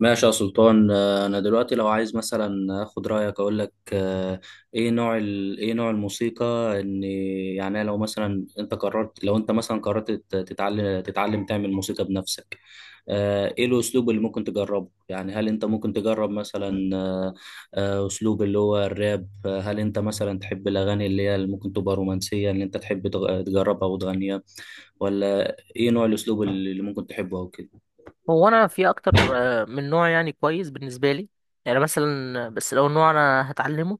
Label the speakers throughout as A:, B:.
A: ماشي يا سلطان، انا دلوقتي لو عايز مثلا اخد رايك اقول لك. ايه نوع الموسيقى؟ ان يعني لو مثلا انت قررت، لو انت مثلا قررت تتعلم تعمل موسيقى بنفسك. ايه الاسلوب اللي ممكن تجربه؟ يعني هل انت ممكن تجرب مثلا اسلوب اللي هو الراب؟ هل انت مثلا تحب الاغاني اللي ممكن تبقى رومانسية، اللي انت تحب تجربها وتغنيها؟ ولا ايه نوع الاسلوب اللي ممكن تحبه او كده؟
B: هو انا في اكتر من نوع يعني كويس بالنسبه لي. يعني مثلا بس لو نوع انا هتعلمه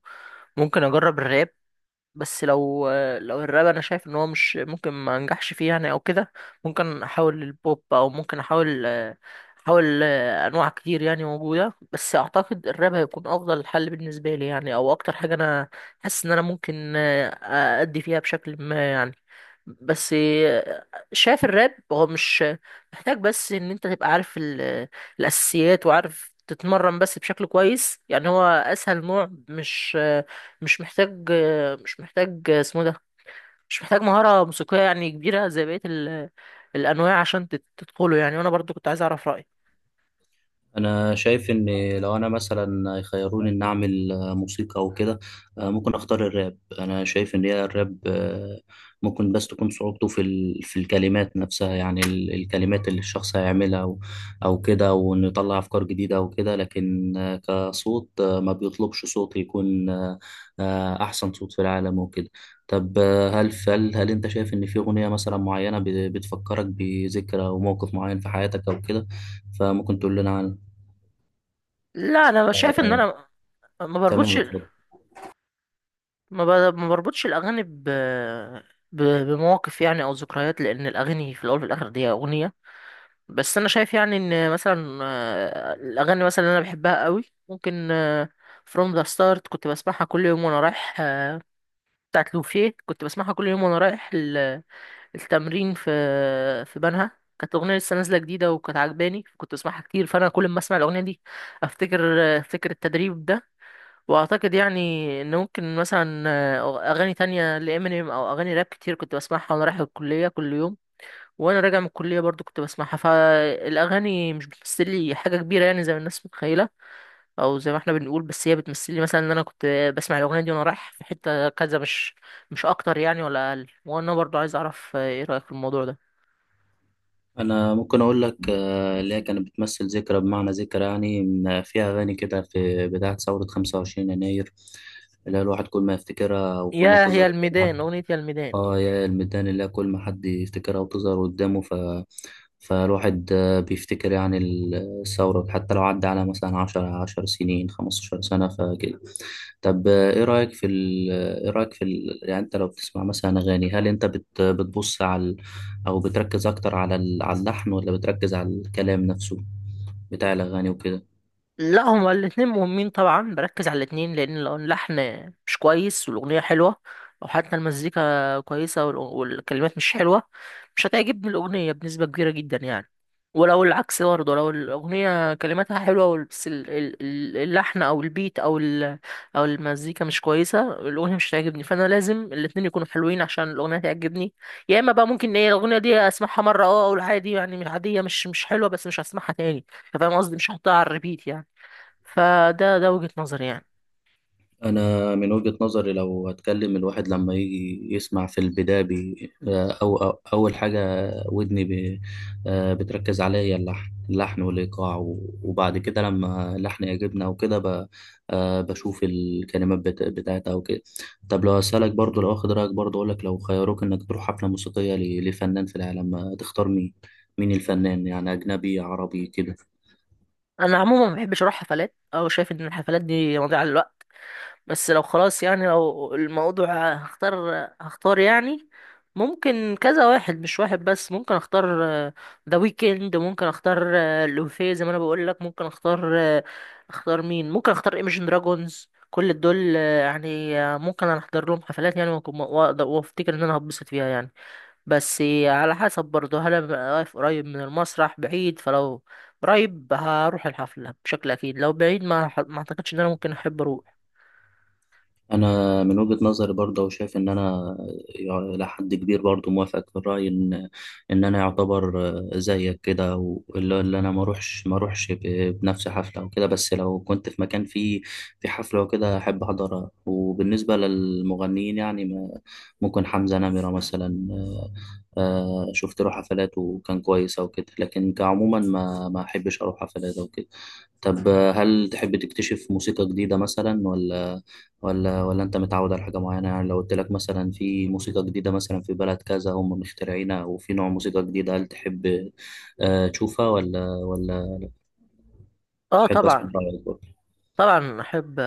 B: ممكن اجرب الراب. بس لو الراب انا شايف ان هو مش ممكن ما انجحش فيه يعني او كده. ممكن احاول البوب او ممكن احاول انواع كتير يعني موجوده، بس اعتقد الراب هيكون افضل حل بالنسبه لي يعني، او اكتر حاجه انا حاسس ان انا ممكن ادي فيها بشكل ما يعني. بس شايف الراب هو مش محتاج، بس ان انت تبقى عارف الاساسيات وعارف تتمرن بس بشكل كويس يعني. هو اسهل نوع، مش محتاج مش محتاج اسمه ده مش محتاج مهارة موسيقية يعني كبيرة زي بقية الأنواع عشان تدخله يعني. وأنا برضو كنت عايز أعرف رأيك.
A: انا شايف ان لو انا مثلا يخيروني ان اعمل موسيقى او كده، ممكن اختار الراب. انا شايف ان هي الراب ممكن بس تكون صعوبته في الكلمات نفسها، يعني الكلمات اللي الشخص هيعملها، او كده، وانه يطلع افكار جديده او كده. لكن كصوت ما بيطلبش صوت يكون احسن صوت في العالم وكده. طب، هل انت شايف ان في اغنيه مثلا معينه بتفكرك بذكرى او موقف معين في حياتك او كده؟ فممكن تقول لنا عنها.
B: لا أنا شايف إن
A: آه،
B: أنا ما
A: تمام،
B: بربطش
A: اتفضل.
B: ما بربطش الأغاني ب... بمواقف يعني أو ذكريات، لأن الأغاني في الأول وفي الآخر دي أغنية. بس أنا شايف يعني إن مثلا الأغاني مثلا اللي أنا بحبها قوي ممكن From the Start كنت بسمعها كل يوم وأنا رايح، بتاعت لوفيه، كنت بسمعها كل يوم وأنا رايح التمرين في بنها. كانت اغنيه لسه نازله جديده وكانت عجباني، كنت بسمعها كتير، فانا كل ما اسمع الاغنيه دي افتكر افتكر التدريب ده. واعتقد يعني ان ممكن مثلا اغاني تانية لامينيم او اغاني راب كتير كنت بسمعها وانا رايح الكليه كل يوم، وانا راجع من الكليه برضو كنت بسمعها. فالاغاني مش بتمثل لي حاجه كبيره يعني زي ما الناس متخيله او زي ما احنا بنقول، بس هي بتمثل لي مثلا ان انا كنت بسمع الاغنيه دي وانا رايح في حته كذا، مش اكتر يعني ولا اقل. وانا برضو عايز اعرف ايه رايك في الموضوع ده.
A: انا ممكن اقول لك اللي هي كانت بتمثل ذكرى، بمعنى ذكرى يعني فيها اغاني كده في بدايه ثوره 25 يناير، اللي هي الواحد كل ما يفتكرها وكل ما
B: يا هي
A: بتظهر.
B: الميدان، أغنية يا الميدان.
A: اه، يا الميدان، اللي هي كل ما حد يفتكرها وتظهر قدامه، فالواحد بيفتكر يعني الثورة، حتى لو عدى على مثلا عشر سنين، خمستاشر سنة، فكده. طب، ايه رأيك في ال... يعني انت لو بتسمع مثلا اغاني، هل انت بتبص على او بتركز اكتر على على اللحن، ولا بتركز على الكلام نفسه بتاع الاغاني وكده؟
B: لا هما الاتنين مهمين طبعا، بركز على الاتنين، لان لو اللحن مش كويس والاغنيه حلوه، او حتى المزيكا كويسه والكلمات مش حلوه، مش هتعجبني الاغنيه بنسبه كبيره جدا يعني. ولو العكس برضه، لو الاغنيه كلماتها حلوه بس اللحن او البيت او المزيكا مش كويسه، الاغنيه مش هتعجبني. فانا لازم الاتنين يكونوا حلوين عشان الاغنيه تعجبني. يا اما بقى ممكن ايه، الاغنيه دي اسمعها مره اه اقول عادي يعني، مش عاديه، مش حلوه، بس مش هسمعها تاني. فاهم قصدي؟ مش هحطها على الريبيت يعني. فده وجهة نظري يعني.
A: أنا من وجهة نظري، لو هتكلم، الواحد لما يجي يسمع في البداية بي أو أول حاجة ودني بي، بتركز عليها هي اللحن، اللحن والإيقاع وبعد كده لما اللحن يعجبنا وكده بشوف الكلمات بتاعتها وكده. طب، لو أسألك برضو، لو أخد رأيك برضو أقولك، لو خيروك إنك تروح حفلة موسيقية لفنان في العالم، تختار مين؟ مين الفنان؟ يعني أجنبي، عربي، كده؟
B: انا عموما ما بحبش اروح حفلات، او شايف ان الحفلات دي مضيعة للوقت. بس لو خلاص يعني، لو الموضوع هختار يعني، ممكن كذا واحد، مش واحد بس. ممكن اختار ذا ويكند، ممكن اختار لوفي، زي ما انا بقول لك، ممكن اختار آه، اختار مين ممكن اختار ايمجن دراجونز. كل دول يعني، ممكن انا احضر لهم حفلات يعني. وافتكر ان انا هتبسط فيها يعني. بس على حسب برضه، هل أنا واقف قريب من المسرح بعيد. فلو قريب هروح الحفلة بشكل أكيد، لو بعيد ما أعتقدش إن أنا ممكن أحب أروح.
A: انا من وجهة نظري برضه، وشايف ان انا الى حد كبير برضه موافقك في الراي، ان انا يعتبر زيك كده، واللي انا ما اروحش بنفس حفله وكده، بس لو كنت في مكان فيه في حفله وكده احب احضرها. وبالنسبه للمغنيين يعني ممكن حمزه نمره مثلا، شفت له حفلات وكان كويس او كده، لكن كعموما ما احبش اروح حفلات او كده. طب، هل تحب تكتشف موسيقى جديده مثلا؟ ولا انت متعود على حاجه معينه؟ يعني لو قلت لك مثلا في موسيقى جديده، مثلا في بلد كذا هم مخترعينها، وفي نوع موسيقى جديده، هل تحب تشوفها؟ ولا
B: اه
A: تحب
B: طبعا.
A: اسمع رايك برضه؟
B: طبعا احب.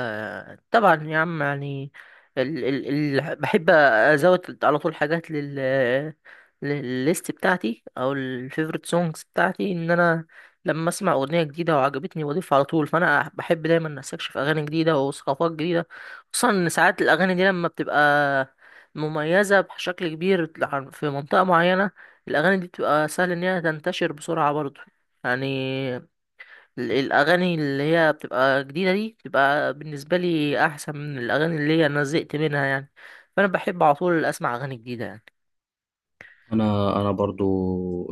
B: طبعا يا عم يعني، بحب ازود على طول حاجات للليست بتاعتي او الفيفوريت سونجز بتاعتي. ان انا لما اسمع اغنيه جديده وعجبتني بضيفها على طول. فانا بحب دايما استكشف اغاني جديده وثقافات جديده، خصوصا ان ساعات الاغاني دي لما بتبقى مميزه بشكل كبير في منطقه معينه، الاغاني دي بتبقى سهل ان هي تنتشر بسرعه برضه يعني. الاغاني اللي هي بتبقى جديده دي بتبقى بالنسبه لي احسن من الاغاني اللي هي انا زهقت منها يعني. فانا بحب على طول اسمع اغاني جديده يعني.
A: انا برضو،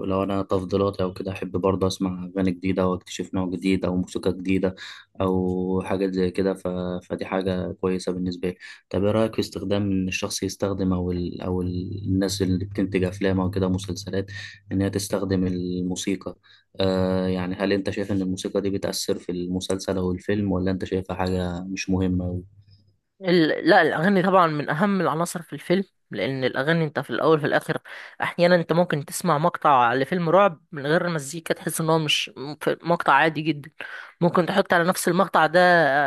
A: لو انا تفضيلاتي او كده، احب برضو اسمع اغاني جديده، واكتشف نوع جديد او موسيقى جديده او حاجه زي كده. فدي حاجه كويسه بالنسبه لي. طب، ايه رايك في استخدام ان الشخص يستخدم، الناس اللي بتنتج افلام او كده مسلسلات، ان هي تستخدم الموسيقى؟ يعني هل انت شايف ان الموسيقى دي بتأثر في المسلسل او الفيلم، ولا انت شايفها حاجه مش مهمه؟
B: لا، الأغاني طبعا من أهم العناصر في الفيلم، لأن الأغاني أنت في الأول في الآخر. أحيانا أنت ممكن تسمع مقطع لفيلم رعب من غير المزيكا تحس إن هو مش م- ف- مقطع عادي جدا. ممكن تحط على نفس المقطع ده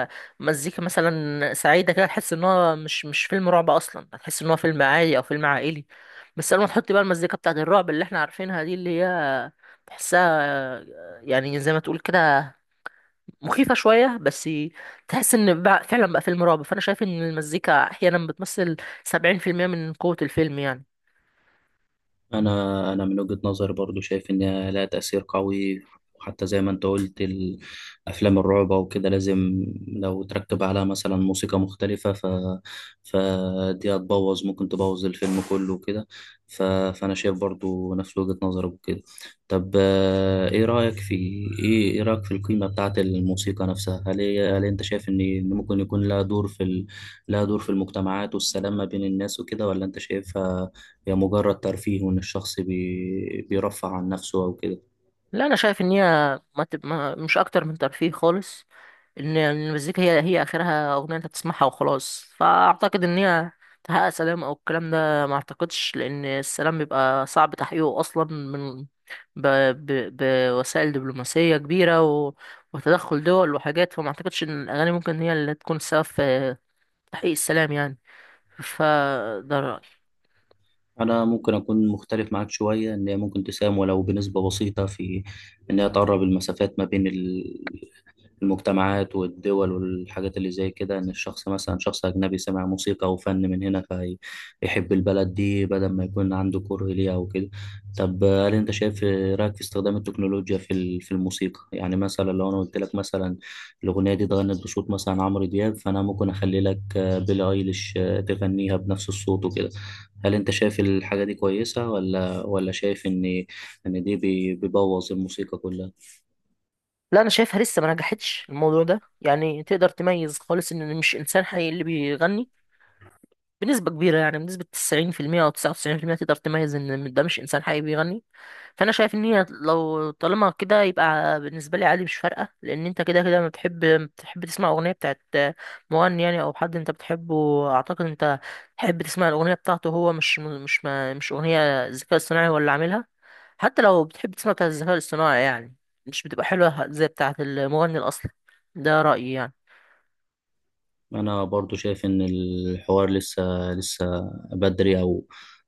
B: آه، مزيكا مثلا سعيدة كده، تحس إن هو مش فيلم رعب أصلا، هتحس إن هو فيلم عادي أو فيلم عائلي. بس لما تحط بقى المزيكا بتاعت الرعب اللي إحنا عارفينها دي، اللي هي تحسها يعني زي ما تقول كده مخيفة شوية، بس تحس ان بقى فعلا بقى فيلم رعب. فانا شايف ان المزيكا احيانا بتمثل 70% من قوة الفيلم يعني.
A: انا من وجهة نظري برضو شايف ان لها تأثير قوي، وحتى زي ما انت قلت، افلام الرعب وكده، لازم لو تركب عليها مثلا موسيقى مختلفة، فدي هتبوظ، ممكن تبوظ الفيلم كله وكده. فانا شايف برضو نفس وجهة نظرك وكده. طب، ايه رأيك في القيمة بتاعت الموسيقى نفسها؟ هل انت شايف ان ممكن يكون لها دور لها دور في المجتمعات والسلام ما بين الناس وكده؟ ولا انت شايفها هي مجرد ترفيه، وإن الشخص بيرفع عن نفسه أو كده؟
B: لا انا شايف ان هي ما تب... ما مش اكتر من ترفيه خالص. ان المزيكا هي اخرها اغنية انت تسمعها وخلاص، فاعتقد ان هي تحقق سلام او الكلام ده ما اعتقدش، لان السلام بيبقى صعب تحقيقه اصلا من ب... بوسائل دبلوماسية كبيرة وتدخل دول وحاجات. فما اعتقدش ان الاغاني ممكن هي اللي تكون السبب في تحقيق السلام يعني. فده رأيي.
A: أنا ممكن أكون مختلف معاك شوية، إن هي ممكن تساهم ولو بنسبة بسيطة في إن هي تقرب المسافات ما بين المجتمعات والدول والحاجات اللي زي كده، ان الشخص مثلا شخص اجنبي سمع موسيقى او فن من هنا، فيحب البلد دي بدل ما يكون عنده كره ليها او كده. طب، هل انت شايف رايك في استخدام التكنولوجيا في الموسيقى؟ يعني مثلا لو انا قلت لك مثلا الاغنيه دي اتغنت بصوت مثلا عمرو دياب، فانا ممكن اخلي لك بيلي ايليش تغنيها بنفس الصوت وكده. هل انت شايف الحاجه دي كويسه، ولا شايف ان دي بيبوظ الموسيقى كلها؟
B: لا أنا شايفها لسه ما نجحتش الموضوع ده يعني، تقدر تميز خالص إن مش إنسان حقيقي اللي بيغني بنسبة كبيرة يعني، بنسبة 90% أو 99%، تقدر تميز إن ده مش إنسان حقيقي بيغني. فأنا شايف إن هي لو طالما كده، يبقى بالنسبة لي عادي مش فارقة، لأن أنت كده كده ما بتحب. بتحب تسمع أغنية بتاعت مغني يعني أو حد أنت بتحبه. أعتقد أنت تحب تسمع الأغنية بتاعته هو، مش أغنية ذكاء اصطناعي هو اللي عاملها. حتى لو بتحب تسمع بتاعة الذكاء الاصطناعي يعني، مش بتبقى حلوة زي بتاعة المغني الأصلي. ده رأيي يعني.
A: انا برضو شايف ان الحوار لسه بدري،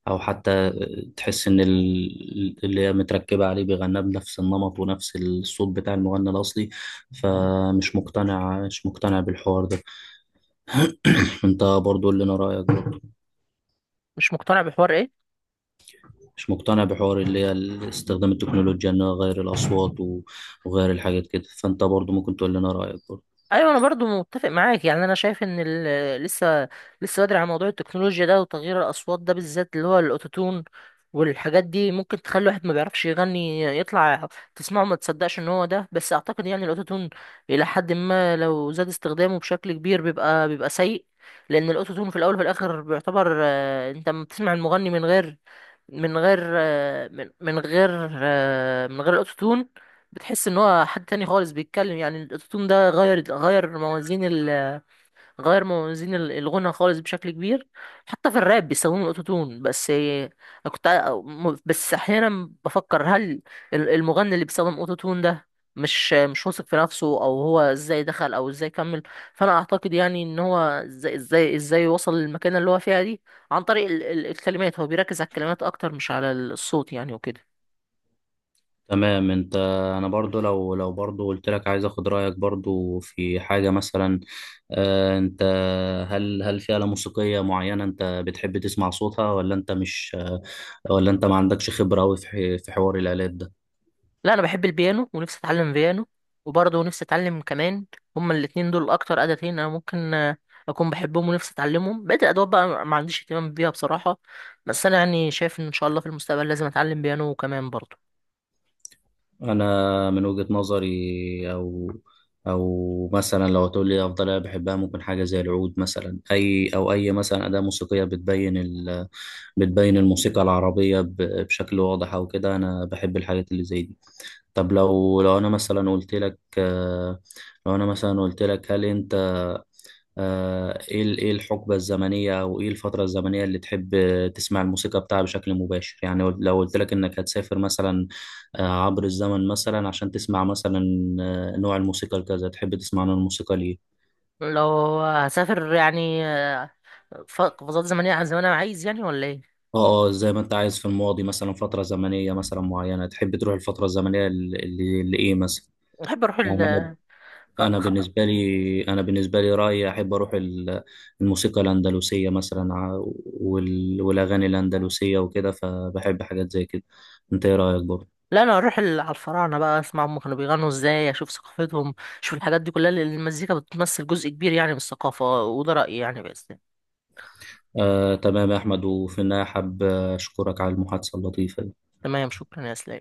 A: او حتى تحس ان اللي هي متركبه عليه بيغنى بنفس النمط ونفس الصوت بتاع المغني الاصلي، فمش مقتنع، مش مقتنع بالحوار ده. انت برضو قول لنا رايك برضو.
B: مش مقتنع بحوار إيه؟
A: مش مقتنع بحوار اللي هي استخدام التكنولوجيا، انها غير الاصوات وغير الحاجات كده. فانت برضو ممكن تقول لنا رايك برضو.
B: ايوه انا برضو متفق معاك يعني. انا شايف ان لسه بدري على موضوع التكنولوجيا ده وتغيير الاصوات ده، بالذات اللي هو الاوتوتون والحاجات دي، ممكن تخلي واحد ما بيعرفش يغني يطلع تسمعه ما تصدقش ان هو ده. بس اعتقد يعني الاوتوتون الى حد ما لو زاد استخدامه بشكل كبير بيبقى سيء، لان الاوتوتون في الاول وفي الاخر بيعتبر، انت لما بتسمع المغني من غير من غير آه، من من غير آه، من غير الاوتوتون بتحس ان هو حد تاني خالص بيتكلم يعني. الاوتوتون ده غير موازين الغنى خالص بشكل كبير. حتى في الراب بيستخدموا الاوتوتون. بس انا كنت ع- م- بس احيانا بفكر هل المغني اللي بيستخدم اوتوتون ده مش واثق في نفسه، او هو ازاي دخل او ازاي كمل. فانا اعتقد يعني ان هو ازاي وصل للمكانه اللي هو فيها دي عن طريق الكلمات. هو بيركز على الكلمات اكتر مش على الصوت يعني وكده.
A: تمام. انا برضو، لو برضو قلت لك عايز اخد رايك برضو في حاجه مثلا، آه، انت هل في آلة موسيقيه معينه انت بتحب تسمع صوتها؟ ولا انت مش ولا انت ما عندكش خبره قوي في حوار الآلات ده؟
B: لا انا بحب البيانو ونفسي اتعلم بيانو، وبرضه نفسي اتعلم كمان. هما الاتنين دول اكتر آلتين انا ممكن اكون بحبهم ونفسي اتعلمهم. بقيت الادوات بقى ما عنديش اهتمام بيها بصراحة. بس انا يعني شايف ان ان شاء الله في المستقبل لازم اتعلم بيانو كمان برضه.
A: انا من وجهه نظري، او مثلا لو هتقول لي افضل آلة بحبها، ممكن حاجه زي العود مثلا، اي مثلا اداه موسيقيه بتبين بتبين الموسيقى العربيه بشكل واضح او كده. انا بحب الحاجات اللي زي دي. طب، لو انا مثلا قلت لك، هل انت ايه الحقبة الزمنية، او ايه الفترة الزمنية اللي تحب تسمع الموسيقى بتاعها بشكل مباشر؟ يعني لو قلت لك انك هتسافر مثلا عبر الزمن، مثلا عشان تسمع مثلا نوع الموسيقى الكذا، تحب تسمع نوع الموسيقى ليه؟
B: لو هسافر يعني قفزات زمنية زي ما انا عايز يعني، ولا ايه؟
A: اه، اه، زي ما انت عايز. في الماضي مثلا، فترة زمنية مثلا معينة تحب تروح الفترة الزمنية اللي ايه مثلا،
B: بحب اروح
A: يعني؟
B: خ- خ-
A: انا بالنسبه لي رايي احب اروح الموسيقى الاندلسيه مثلا، والاغاني الاندلسيه وكده، فبحب حاجات زي كده. انت ايه رايك برضه؟
B: لا، انا اروح على الفراعنه بقى، اسمع هم كانوا بيغنوا ازاي، اشوف ثقافتهم، اشوف الحاجات دي كلها، لأن المزيكا بتمثل جزء كبير يعني من الثقافه. وده رايي يعني بس.
A: تمام يا احمد، وفي النهايه حاب اشكرك على المحادثه اللطيفه دي.
B: تمام، شكرا يا اسلام.